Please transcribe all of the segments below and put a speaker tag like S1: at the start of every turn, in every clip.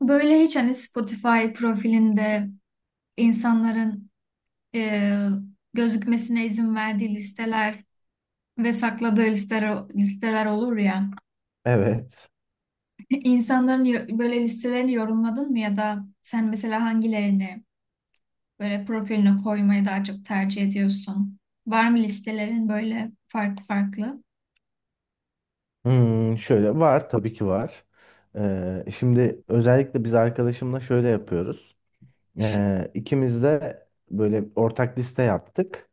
S1: Böyle hiç hani Spotify profilinde insanların e, gözükmesine izin verdiği listeler ve sakladığı listeler, olur ya.
S2: Evet.
S1: İnsanların böyle listelerini yorumladın mı ya da sen mesela hangilerini böyle profiline koymayı daha çok tercih ediyorsun? Var mı listelerin böyle farklı farklı?
S2: Hmm, şöyle var tabii ki var. Şimdi özellikle biz arkadaşımla şöyle yapıyoruz. İkimiz de böyle ortak liste yaptık.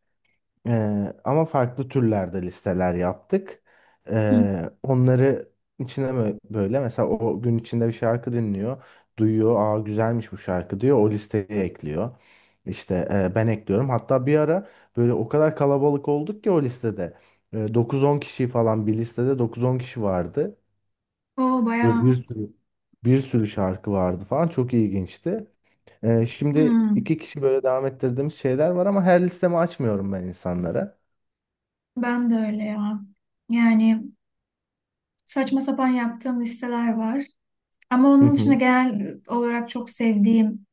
S2: Ama farklı türlerde listeler yaptık.
S1: Hı.
S2: Onları içine böyle mesela o gün içinde bir şarkı dinliyor. Duyuyor, aa güzelmiş bu şarkı diyor. O listeye ekliyor. İşte ben ekliyorum. Hatta bir ara böyle o kadar kalabalık olduk ki o listede. 9-10 kişi falan bir listede 9-10 kişi vardı.
S1: O
S2: Ve
S1: bayağı.
S2: bir sürü bir sürü şarkı vardı falan. Çok ilginçti. Şimdi
S1: hmm,
S2: 2 kişi böyle devam ettirdiğimiz şeyler var ama her listemi açmıyorum ben insanlara.
S1: ben de öyle ya. Yani saçma sapan yaptığım listeler var. Ama
S2: Hı
S1: onun dışında
S2: hı.
S1: genel olarak çok sevdiğim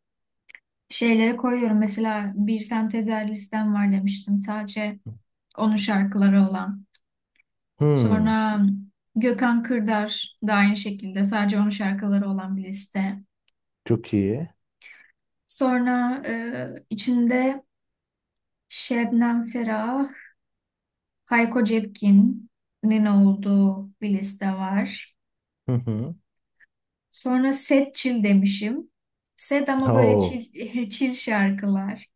S1: şeylere koyuyorum. Mesela bir sentezer listem var demiştim. Sadece onun şarkıları olan.
S2: Hmm,
S1: Sonra Gökhan Kırdar da aynı şekilde sadece onun şarkıları olan bir liste.
S2: çok iyi.
S1: Sonra içinde Şebnem Ferah, Hayko Cepkin'in olduğu bir liste var.
S2: Hı hı.
S1: Sonra Set Çil demişim. Set ama böyle
S2: Oo.
S1: çil, çil şarkılar.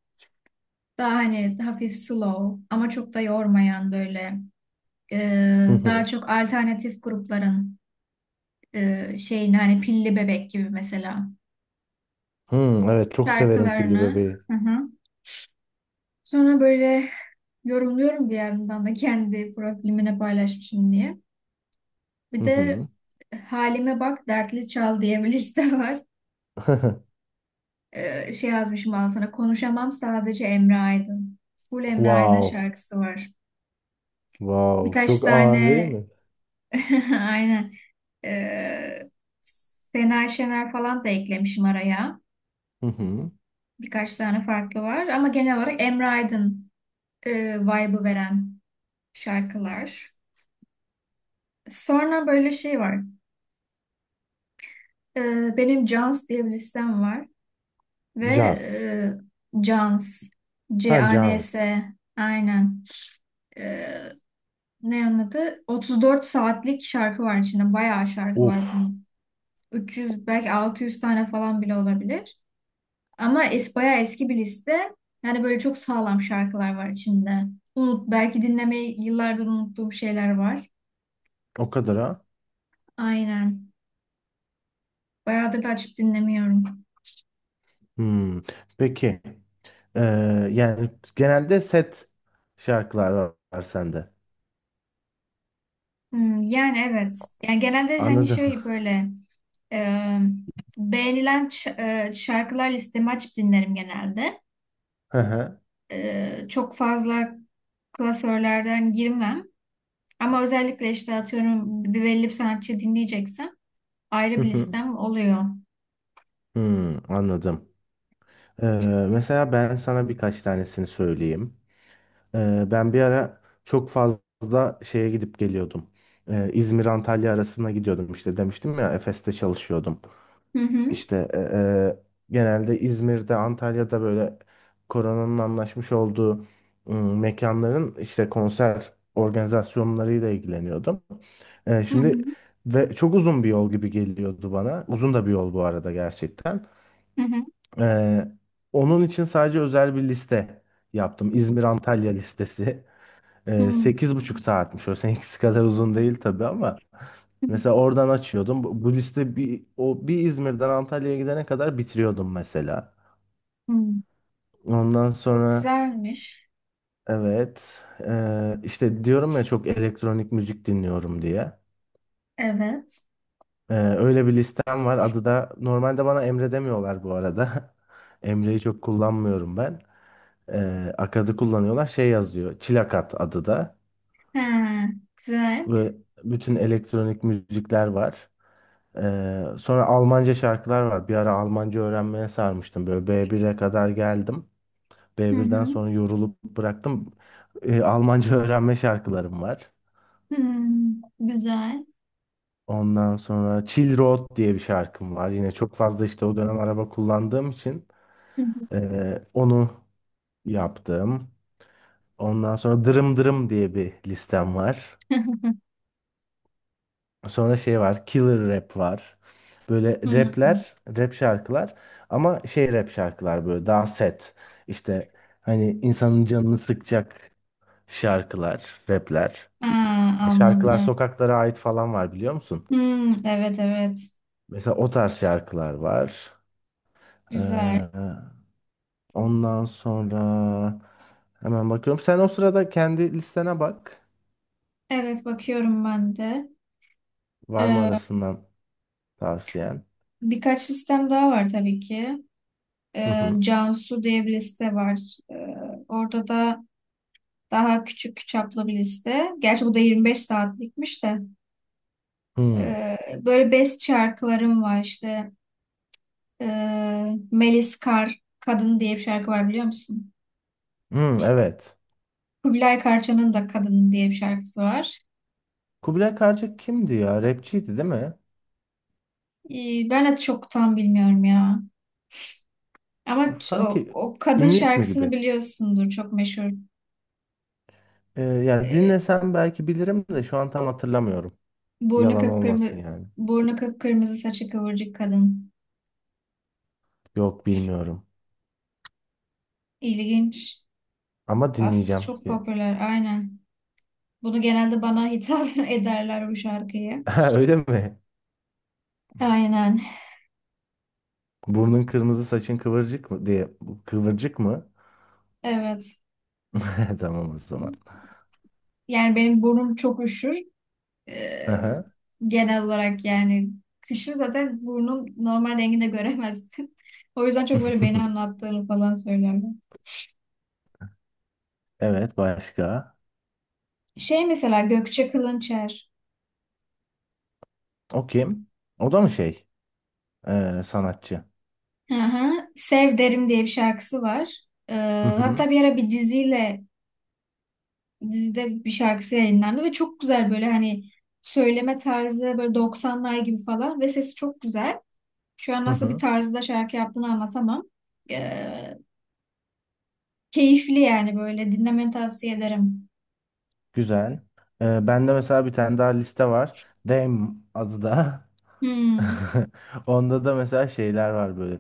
S1: Daha hani hafif slow ama çok da yormayan böyle e,
S2: Hı
S1: daha
S2: hı.
S1: çok alternatif grupların şeyini hani Pilli Bebek gibi mesela
S2: Hmm, evet çok severim pilli
S1: şarkılarını.
S2: bebeği.
S1: Hı hı. Sonra böyle yorumluyorum bir yandan da kendi profilimine paylaşmışım diye. Bir
S2: Hı
S1: de
S2: hı.
S1: Halime Bak Dertli Çal diye bir liste var. Şey yazmışım altına konuşamam sadece Emre Aydın. Full Emre Aydın
S2: Wow.
S1: şarkısı var.
S2: Wow.
S1: Birkaç
S2: Çok ağır değil
S1: tane
S2: mi?
S1: aynen. Ee, Sena Şener falan da eklemişim araya.
S2: Hı hı.
S1: Birkaç tane farklı var ama genel olarak Emre Aydın vibe'ı veren şarkılar. Sonra böyle şey var. Benim Jans diye bir listem var ve
S2: Caz.
S1: e, Cans
S2: Ha caz.
S1: CANS aynen. Ee, ne onun adı? 34 saatlik şarkı var içinde. Bayağı şarkı
S2: Uf.
S1: var bunun. 300 belki 600 tane falan bile olabilir. Ama bayağı eski bir liste. Yani böyle çok sağlam şarkılar var içinde. Belki dinlemeyi yıllardır unuttuğum şeyler var.
S2: O kadar ha.
S1: Aynen. Bayağıdır da açıp dinlemiyorum.
S2: Hmm. Peki. Ee, yani genelde set şarkılar var, var sende.
S1: Hmm, yani evet. Yani genelde hani
S2: Anladım.
S1: şey böyle e, beğenilen şarkılar listemi açıp dinlerim genelde.
S2: Hı hı.
S1: Çok fazla klasörlerden girmem. Ama özellikle işte atıyorum bir belli bir sanatçı dinleyeceksem
S2: Hı
S1: ayrı bir
S2: hı.
S1: listem oluyor.
S2: Hmm, anladım. Ee, mesela ben sana birkaç tanesini söyleyeyim. Ben bir ara çok fazla şeye gidip geliyordum. İzmir Antalya arasına gidiyordum, işte demiştim ya, Efes'te çalışıyordum.
S1: Hı hı.
S2: İşte genelde İzmir'de, Antalya'da böyle koronanın anlaşmış olduğu mekanların işte konser organizasyonlarıyla ilgileniyordum.
S1: Hı hı.
S2: Şimdi ve çok uzun bir yol gibi geliyordu bana. Uzun da bir yol bu arada gerçekten.
S1: Hı hı.
S2: Ee, Onun için sadece özel bir liste yaptım. İzmir Antalya listesi. Ee,
S1: Hmm,
S2: Sekiz buçuk saatmiş, o seninkisi kadar uzun değil tabii, ama
S1: hmm,
S2: mesela oradan açıyordum bu liste bir o bir İzmir'den Antalya'ya gidene kadar bitiriyordum mesela.
S1: hmm.
S2: Ondan
S1: O
S2: sonra
S1: güzelmiş.
S2: evet, işte diyorum ya, çok elektronik müzik dinliyorum diye.
S1: Evet.
S2: Öyle bir listem var. Adı da, normalde bana Emre demiyorlar bu arada, Emre'yi çok kullanmıyorum ben. Akad'ı kullanıyorlar, şey yazıyor, Çilakat adı da.
S1: He güzel.
S2: Böyle bütün elektronik müzikler var. Sonra Almanca şarkılar var. Bir ara Almanca öğrenmeye sarmıştım. Böyle B1'e kadar geldim.
S1: Hı
S2: B1'den
S1: hı.
S2: sonra yorulup bıraktım. Almanca öğrenme şarkılarım var.
S1: Hmm, güzel.
S2: Ondan sonra Chill Road diye bir şarkım var. Yine çok fazla işte o dönem araba kullandığım için
S1: Hı hı.
S2: onu yaptım. Ondan sonra Dırım Dırım diye bir listem var. Sonra şey var, Killer rap var. Böyle
S1: Hmm.
S2: rapler, rap şarkılar, ama şey, rap şarkılar böyle daha set. İşte hani insanın canını sıkacak şarkılar, rapler.
S1: Aa,
S2: Hani Şarkılar
S1: anladım.
S2: Sokaklara Ait falan var, biliyor musun?
S1: Hmm, evet, evet.
S2: Mesela o tarz şarkılar var.
S1: Güzel.
S2: Ee, ondan sonra hemen bakıyorum. Sen o sırada kendi listene bak.
S1: Evet, bakıyorum ben de.
S2: Var mı
S1: Ee,
S2: arasından tavsiyen?
S1: birkaç listem daha var tabii ki.
S2: Hı hı.
S1: Cansu diye bir liste var. Ee, orada da daha küçük çaplı bir liste. Gerçi bu da 25 saatlikmiş de.
S2: Hı.
S1: Ee, böyle best şarkılarım var işte. Melis Kar Kadın diye bir şarkı var biliyor musun?
S2: Hı, evet.
S1: Kubilay Karça'nın da Kadın diye bir şarkısı var.
S2: Kubilay Karcık kimdi ya? Rapçiydi değil mi?
S1: Ben de çok tam bilmiyorum ya. Ama
S2: Bu
S1: ç- o,
S2: sanki
S1: o kadın
S2: ünlü ismi
S1: şarkısını
S2: gibi.
S1: biliyorsundur. Çok meşhur.
S2: Yani
S1: Ee,
S2: dinlesem belki bilirim de, şu an tam hatırlamıyorum.
S1: burnu
S2: Yalan olmasın
S1: kıpkırmızı,
S2: yani.
S1: burnu kıpkırmızı, saçı kıvırcık kadın.
S2: Yok, bilmiyorum.
S1: İlginç.
S2: Ama
S1: Bas,
S2: dinleyeceğim
S1: çok
S2: ki.
S1: popüler. Aynen. Bunu genelde bana hitap ederler bu şarkıyı.
S2: Ha, öyle mi?
S1: Aynen.
S2: Burnun kırmızı, saçın kıvırcık mı diye. Kıvırcık mı?
S1: Evet.
S2: Tamam o zaman.
S1: Yani benim burnum çok üşür. Ee,
S2: Aha.
S1: genel olarak yani kışın zaten burnun normal renginde göremezsin. O yüzden çok böyle beni anlattığını falan söylerler.
S2: Evet, başka?
S1: Şey mesela Gökçe Kılınçer.
S2: O kim? O da mı şey, sanatçı?
S1: Hı hı. Sev Derim diye bir şarkısı var. Ee,
S2: Hı hı.
S1: hatta bir ara bir diziyle dizide bir şarkısı yayınlandı ve çok güzel böyle hani söyleme tarzı böyle doksanlar gibi falan ve sesi çok güzel. Şu an
S2: Hı
S1: nasıl bir
S2: hı.
S1: tarzda şarkı yaptığını anlatamam. Ee, keyifli yani böyle dinlemeni tavsiye ederim.
S2: Güzel. Bende mesela bir tane daha liste var. Dame adı da.
S1: Hmm.
S2: Onda da mesela şeyler var böyle.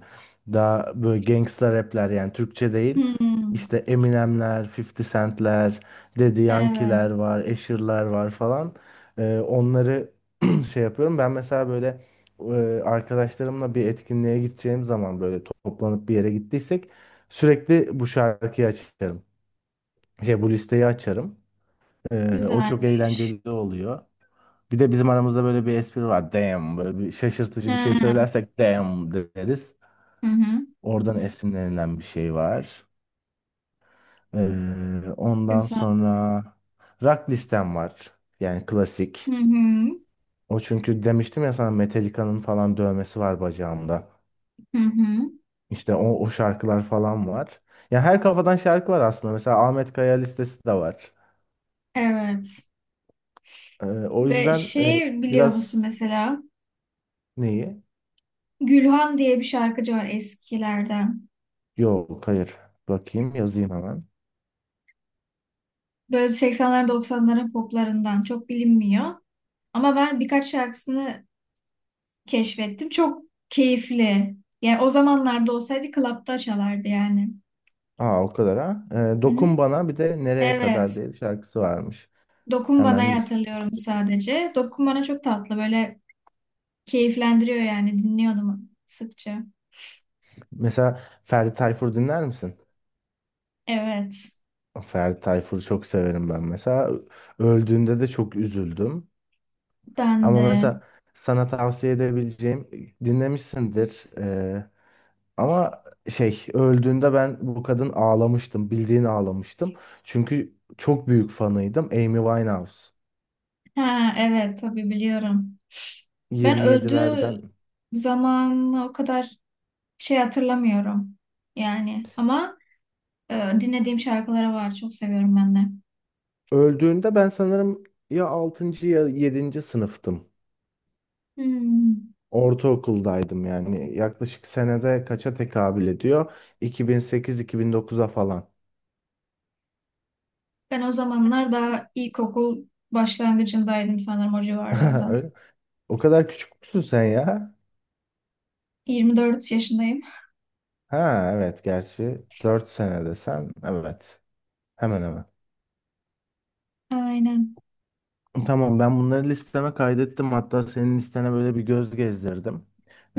S2: Daha böyle gangsta rapler, yani Türkçe değil.
S1: Hmm,
S2: İşte Eminemler, 50 Cent'ler, Daddy Yankee'ler
S1: evet.
S2: var, Asher'lar var falan. Onları şey yapıyorum. Ben mesela böyle arkadaşlarımla bir etkinliğe gideceğim zaman, böyle toplanıp bir yere gittiysek, sürekli bu şarkıyı açarım. Şey, bu listeyi açarım. O çok
S1: Güzelmiş.
S2: eğlenceli oluyor. Bir de bizim aramızda böyle bir espri var. Damn, böyle bir şaşırtıcı bir şey
S1: Ha,
S2: söylersek damn deriz.
S1: hı hı.
S2: Oradan esinlenilen bir şey var. Ondan
S1: Güzel.
S2: sonra rock listem var. Yani
S1: Hı
S2: klasik.
S1: hı.
S2: O çünkü, demiştim ya sana, Metallica'nın falan dövmesi var bacağımda.
S1: Hı hı.
S2: İşte o şarkılar falan var. Ya, her kafadan şarkı var aslında. Mesela Ahmet Kaya listesi de var.
S1: Evet.
S2: O
S1: Ve
S2: yüzden
S1: şey biliyor musun
S2: biraz.
S1: mesela?
S2: Neyi?
S1: Gülhan diye bir şarkıcı var eskilerden.
S2: Yok, hayır. Bakayım, yazayım hemen.
S1: Böyle 80'ler, 90'ların poplarından çok bilinmiyor. Ama ben birkaç şarkısını keşfettim. Çok keyifli. Yani o zamanlarda olsaydı klapta çalardı yani.
S2: Aa, o kadar ha. Ee,
S1: Hı
S2: Dokun
S1: hı.
S2: Bana, bir de Nereye Kadar
S1: Evet.
S2: diye bir şarkısı varmış.
S1: Dokun
S2: Hemen
S1: Bana'yı
S2: list-
S1: hatırlıyorum sadece. Dokun Bana çok tatlı, böyle keyiflendiriyor yani, dinliyordum sıkça.
S2: mesela Ferdi Tayfur dinler misin?
S1: Evet.
S2: Ferdi Tayfur'u çok severim ben mesela. Öldüğünde de çok üzüldüm.
S1: Ben
S2: Ama
S1: de.
S2: mesela sana tavsiye edebileceğim, dinlemişsindir. Ama şey, öldüğünde ben bu kadın ağlamıştım. Bildiğin ağlamıştım. Çünkü çok büyük fanıydım. Amy Winehouse.
S1: Ha, evet, tabii biliyorum. Ben öldüğü
S2: 27'lerden.
S1: zaman o kadar şey hatırlamıyorum. Yani ama e, dinlediğim şarkıları var. Çok seviyorum ben de.
S2: Öldüğünde ben sanırım ya altıncı ya yedinci sınıftım.
S1: Hmm.
S2: Ortaokuldaydım yani. Yaklaşık senede kaça tekabül ediyor? 2008-2009'a falan.
S1: Ben o zamanlar daha ilkokul başlangıcındaydım sanırım, o civarlarda.
S2: Öyle- O kadar küçük müsün sen ya?
S1: 24 yaşındayım.
S2: Ha evet, gerçi 4 senede sen. Evet. Hemen hemen.
S1: Aynen.
S2: Tamam, ben bunları listeme kaydettim. Hatta senin listene böyle bir göz gezdirdim.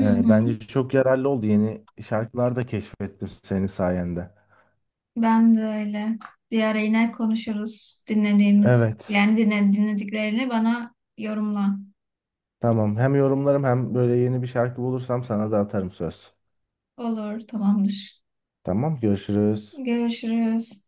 S1: Hı hı.
S2: bence çok yararlı oldu. Yeni şarkılar da keşfettim senin sayende.
S1: Ben de öyle. Bir ara yine konuşuruz dinlediğimiz,
S2: Evet.
S1: yani dinlediklerini bana yorumla.
S2: Tamam. Hem yorumlarım, hem böyle yeni bir şarkı bulursam sana da atarım, söz.
S1: Olur, tamamdır.
S2: Tamam. Görüşürüz.
S1: Görüşürüz.